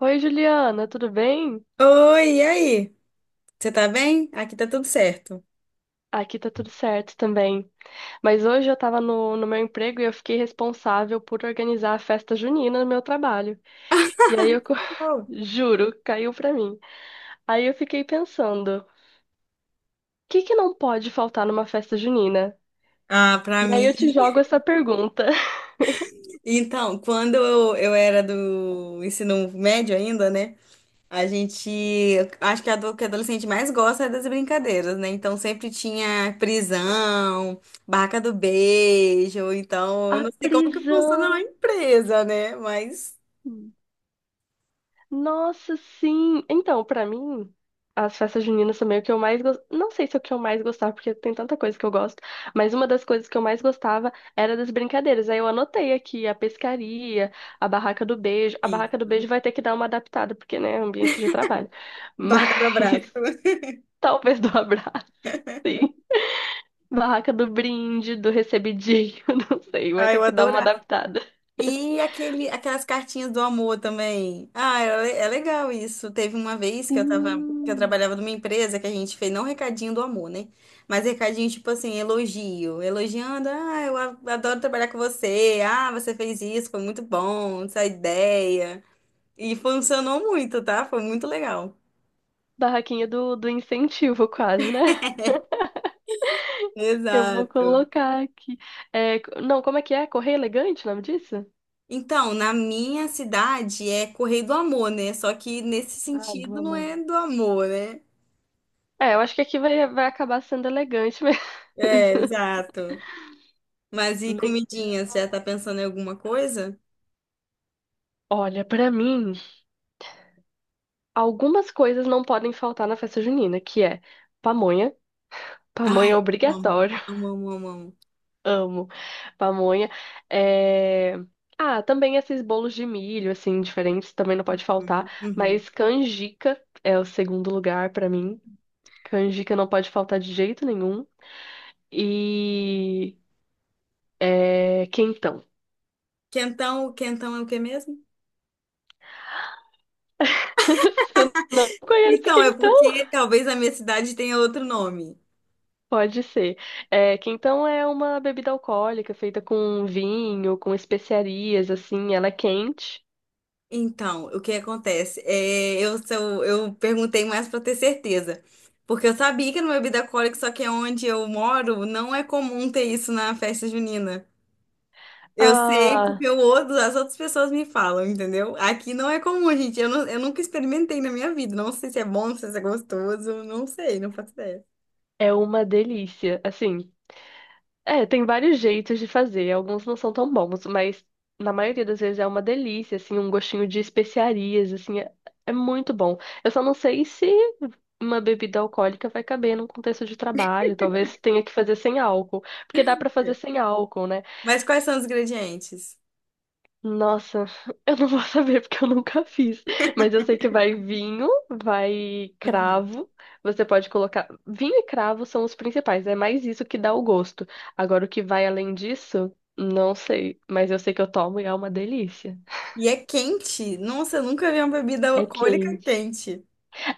Oi, Juliana, tudo bem? Oi, e aí? Você tá bem? Aqui tá tudo certo. Aqui tá tudo certo também. Mas hoje eu tava no meu emprego e eu fiquei responsável por organizar a festa junina no meu trabalho. E aí eu Não. juro, caiu pra mim. Aí eu fiquei pensando, o que que não pode faltar numa festa junina? Ah, pra E aí mim. eu te jogo essa pergunta. Então, quando eu era do ensino médio ainda, né? A gente. Eu acho que a do que adolescente mais gosta é das brincadeiras, né? Então sempre tinha prisão, barraca do beijo. Então, eu A não sei como que funciona na prisão. empresa, né? Mas. Nossa, sim. Então, pra mim, as festas juninas também, o que eu mais gostava. Não sei se é o que eu mais gostava, porque tem tanta coisa que eu gosto, mas uma das coisas que eu mais gostava era das brincadeiras. Aí eu anotei aqui a pescaria, a barraca do beijo. A Sim. barraca do beijo vai ter que dar uma adaptada, porque, né, é um ambiente de trabalho. Mas Barraca do abraço. talvez do abraço, sim. Barraca do brinde, do recebidinho, não sei, vai Ah, ter eu que dar uma adorava. adaptada. E aquelas cartinhas do amor também. Ah, é legal isso. Teve uma vez que eu Sim. trabalhava numa empresa que a gente fez não recadinho do amor, né? Mas recadinho tipo assim, elogiando, ah, eu adoro trabalhar com você. Ah, você fez isso, foi muito bom, essa ideia. E funcionou muito, tá? Foi muito legal. Barraquinha do incentivo, quase, né? Eu vou Exato. colocar aqui. É, não, como é que é? Correr elegante, o nome disso? Então, na minha cidade é Correio do Amor, né? Só que nesse Ah, do sentido não amor. é do amor, né? É, eu acho que aqui vai acabar sendo elegante mesmo. É, exato. Mas e Le- comidinhas? Já tá pensando em alguma coisa? Olha, pra mim, algumas coisas não podem faltar na festa junina, que é pamonha. Pamonha Ai, é amo, obrigatório. amo, amo, amo, amo. Amo pamonha. É, Ah, também esses bolos de milho, assim, diferentes, também não pode Uhum, faltar. uhum. Mas canjica é o segundo lugar pra mim. Canjica não pode faltar de jeito nenhum. e É, quentão. Quentão, quentão é o que mesmo? Você não conhece Então, é quentão? porque talvez a minha cidade tenha outro nome. Pode ser. É, quentão é uma bebida alcoólica feita com vinho, com especiarias, assim, ela é quente. Então, o que acontece? É, eu perguntei mais para ter certeza. Porque eu sabia que era uma bebida alcoólica, só que é onde eu moro não é comum ter isso na festa junina. Eu sei porque Ah, as outras pessoas me falam, entendeu? Aqui não é comum, gente. Eu nunca experimentei na minha vida. Não sei se é bom, não sei se é gostoso. Não sei, não faço ideia. é uma delícia. Assim, é, tem vários jeitos de fazer. Alguns não são tão bons, mas na maioria das vezes é uma delícia, assim, um gostinho de especiarias, é muito bom. Eu só não sei se uma bebida alcoólica vai caber num contexto de trabalho. Talvez tenha que fazer sem álcool, porque dá pra fazer É. sem álcool, né? Mas quais são os ingredientes? Nossa, eu não vou saber porque eu nunca fiz. Mas eu sei que vai vinho, vai Aham. cravo. Você pode colocar. Vinho e cravo são os principais. É mais isso que dá o gosto. Agora, o que vai além disso, não sei. Mas eu sei que eu tomo e é uma delícia. E é quente? Nossa, eu nunca vi uma bebida É alcoólica quente. quente.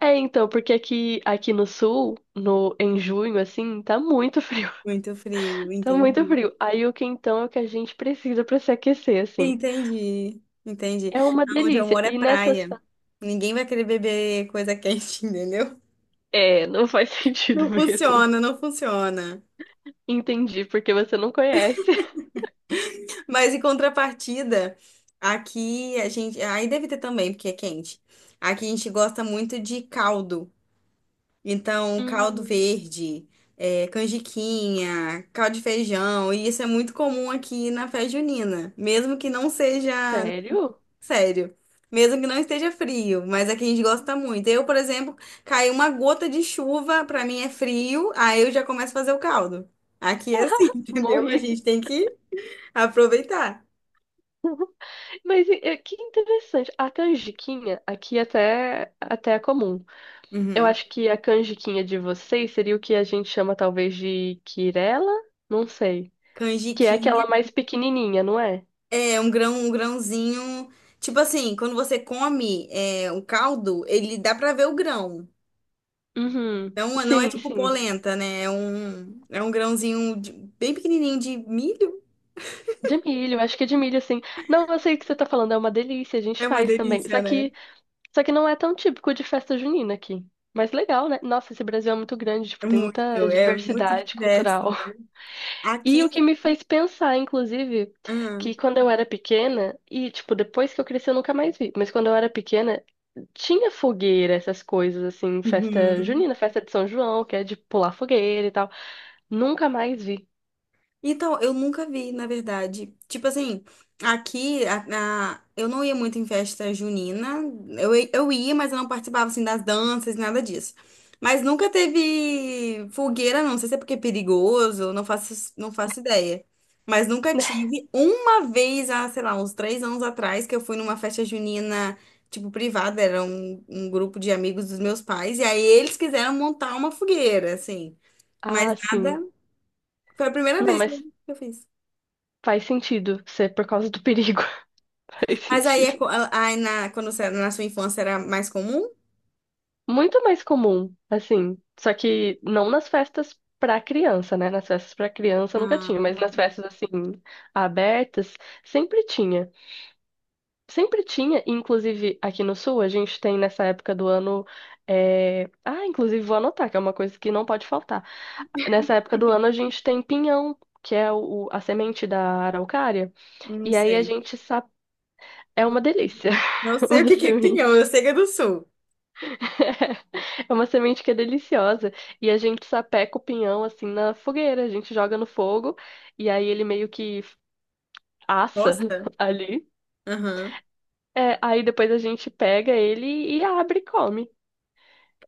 É, então, porque aqui no sul, no, em junho, assim, tá muito frio. Muito frio, Tá muito entendi. frio. Aí o quentão é o que a gente precisa pra se aquecer, assim. Entendi, entendi. É uma Onde eu delícia. moro é E nessas. praia. Ninguém vai querer beber coisa quente, entendeu? É, não faz sentido Não mesmo. funciona, não funciona. Entendi, porque você não conhece. Mas em contrapartida, aqui a gente. Aí deve ter também, porque é quente. Aqui a gente gosta muito de caldo. Então, caldo Uhum. verde, canjiquinha, caldo de feijão. E isso é muito comum aqui na festa junina. Mesmo que não seja. Sério? Sério. Mesmo que não esteja frio, mas aqui a gente gosta muito. Eu, por exemplo, cai uma gota de chuva, pra mim é frio, aí eu já começo a fazer o caldo. Aqui é assim, entendeu? A Morri. gente tem que aproveitar. Mas é, que interessante. A canjiquinha aqui até é comum. Eu Uhum. acho que a canjiquinha de vocês seria o que a gente chama talvez de quirela? Não sei. Que é Canjiquinha aquela mais pequenininha, não é? é um grão, um grãozinho. Tipo assim, quando você come, o caldo, ele dá pra ver o grão. Uhum. Então, não é Sim, tipo sim. polenta, né? É um grãozinho bem pequenininho de milho. De milho, acho que é de milho, sim. Não, eu sei o que você tá falando, é uma delícia, a gente É uma faz também. delícia, né? Só que não é tão típico de festa junina aqui. Mas legal, né? Nossa, esse Brasil é muito grande, tipo, É tem muita muito, é muito diversidade diverso. cultural. E Aqui. o que me fez pensar, inclusive, Ah, que quando eu era pequena, e, tipo, depois que eu cresci eu nunca mais vi, mas quando eu era pequena, tinha fogueira, essas coisas, assim, festa uhum. junina, festa de São João, que é de pular fogueira e tal. Nunca mais vi. Então, eu nunca vi, na verdade. Tipo assim, eu não ia muito em festa junina. Eu ia, mas eu não participava assim das danças, nada disso. Mas nunca teve fogueira, não. Não sei se é porque é perigoso, não faço ideia. Mas nunca tive. Uma vez, há, sei lá, uns 3 anos atrás, que eu fui numa festa junina, tipo, privada, era um grupo de amigos dos meus pais, e aí eles quiseram montar uma fogueira, assim. Mas Ah, nada. sim. Foi a primeira Não, vez que eu mas que eu fiz. faz sentido ser por causa do perigo. Faz Mas aí, sentido. Na sua infância era mais comum? Muito mais comum, assim. Só que não nas festas pra criança, né? Nas festas pra criança nunca Ah, tinha, mas tá. nas festas, assim, abertas, sempre tinha. Sempre tinha, e, inclusive aqui no Sul, a gente tem nessa época do ano. Ah, inclusive vou anotar, que é uma coisa que não pode faltar. Nessa época do ano, a gente tem pinhão, que é o a semente da araucária. Não E aí a sei. gente sabe. É uma delícia, Não sei o uma que que é pinhão, semente. eu sei que é do sul. É uma semente que é deliciosa. E a gente sapeca o pinhão assim na fogueira. A gente joga no fogo e aí ele meio que assa Gosta? ali. Aham. É, aí depois a gente pega ele e abre e come.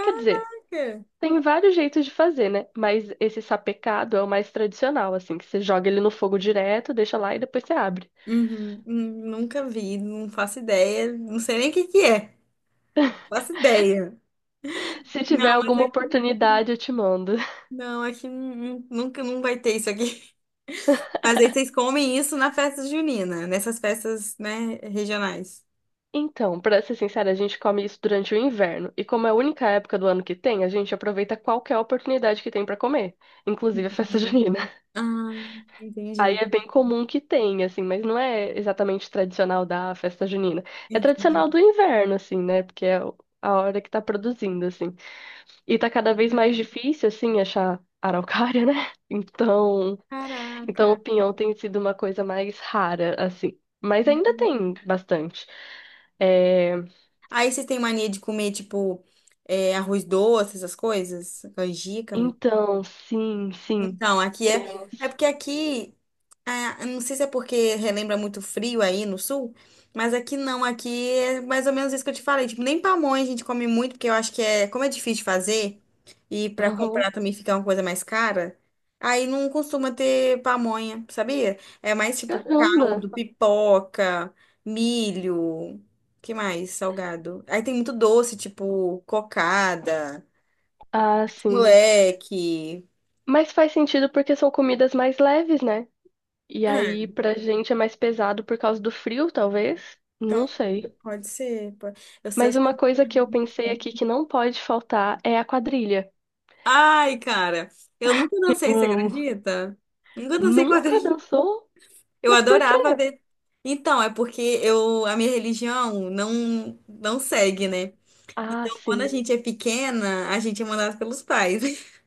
Quer dizer, Por quê? tem vários jeitos de fazer, né? Mas esse sapecado é o mais tradicional, assim, que você joga ele no fogo direto, deixa lá e depois você abre. Uhum. Nunca vi, não faço ideia. Não sei nem o que que é. Não faço ideia. Se tiver Não, mas alguma oportunidade, eu te mando. não, aqui nunca não vai ter isso aqui. Mas aí vocês comem isso na festa junina, nessas festas, né, regionais. Então, pra ser sincera, a gente come isso durante o inverno. E como é a única época do ano que tem, a gente aproveita qualquer oportunidade que tem pra comer, inclusive a festa Entendi. junina. Ah, Aí entendi. é bem comum que tenha, assim, mas não é exatamente tradicional da festa junina. É Entendi. tradicional do inverno, assim, né? Porque é a hora que tá produzindo, assim. E tá cada vez mais difícil, assim, achar araucária, né? Então, então o Caraca. pinhão tem sido uma coisa mais rara, assim. Mas ainda tem bastante. É, Aí vocês têm mania de comer, tipo, arroz doce, essas coisas? Canjica, arroz... Então, sim, Então, aqui é... É temos. porque aqui eu não sei se é porque relembra muito frio aí no sul, mas aqui não, aqui é mais ou menos isso que eu te falei. Tipo, nem pamonha a gente come muito, porque eu acho que como é difícil de fazer e para Aham. comprar também fica uma coisa mais cara, aí não costuma ter pamonha, sabia? É mais tipo Caramba! caldo, pipoca, milho, que mais? Salgado. Aí tem muito doce, tipo cocada, Ah, sim. moleque. Mas faz sentido porque são comidas mais leves, né? E aí, Ah, pra gente é mais pesado por causa do frio, talvez? Não sei. pode ser. Eu sei. Mas uma coisa que eu pensei aqui que não pode faltar é a quadrilha. Ai, cara, eu nunca dancei, você Hum, acredita? Nunca dancei nunca quadrilha. dançou? Eu Mas por quê? adorava ver. Então, é porque a minha religião não segue, né? Ah, Então, quando a sim. gente é pequena, a gente é mandado pelos pais.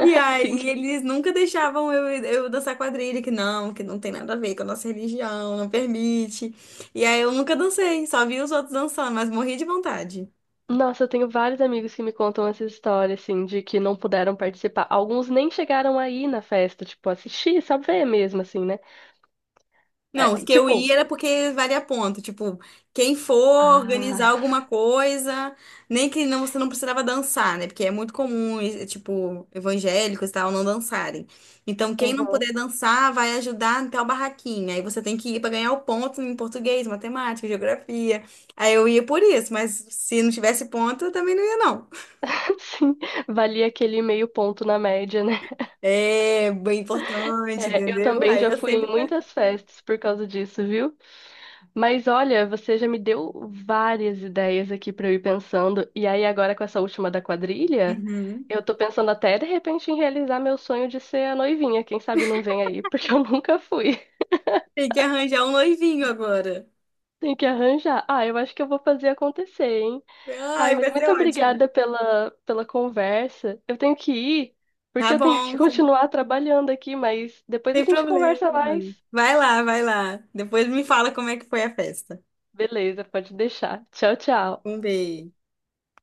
E Sim. aí, eles nunca deixavam eu dançar quadrilha, que não tem nada a ver com a nossa religião, não permite. E aí, eu nunca dancei, só vi os outros dançando, mas morri de vontade. Nossa, eu tenho vários amigos que me contam essa história, assim, de que não puderam participar. Alguns nem chegaram aí na festa, tipo, assistir, só ver mesmo, assim, né? Não, os É, que eu tipo, ia era porque valia ponto. Tipo, quem for organizar ah, alguma coisa, nem que não, você não precisava dançar, né? Porque é muito comum, e, tipo, evangélicos e tal, não dançarem. Então, quem não aham. puder dançar vai ajudar em tal barraquinha. Aí você tem que ir para ganhar o ponto em português, matemática, geografia. Aí eu ia por isso, mas se não tivesse ponto, eu também não ia, não. Sim, valia aquele meio ponto na média, né? É bem importante, É, eu entendeu? também Aí já eu fui em sempre faço. muitas festas por causa disso, viu? Mas olha, você já me deu várias ideias aqui pra eu ir pensando. E aí, agora com essa última da quadrilha, Uhum. eu tô pensando até de repente em realizar meu sonho de ser a noivinha. Quem sabe não vem aí, porque eu nunca fui. Tem que arranjar um noivinho agora. Tem que arranjar. Ah, eu acho que eu vou fazer acontecer, hein? Ai, Ai, mas vai ser muito ótimo. obrigada pela conversa. Eu tenho que ir, porque Tá eu tenho que bom, sem, continuar trabalhando aqui, mas depois a sem gente conversa problema. mais. Vai lá, vai lá. Depois me fala como é que foi a festa. Beleza, pode deixar. Tchau, tchau. Um beijo.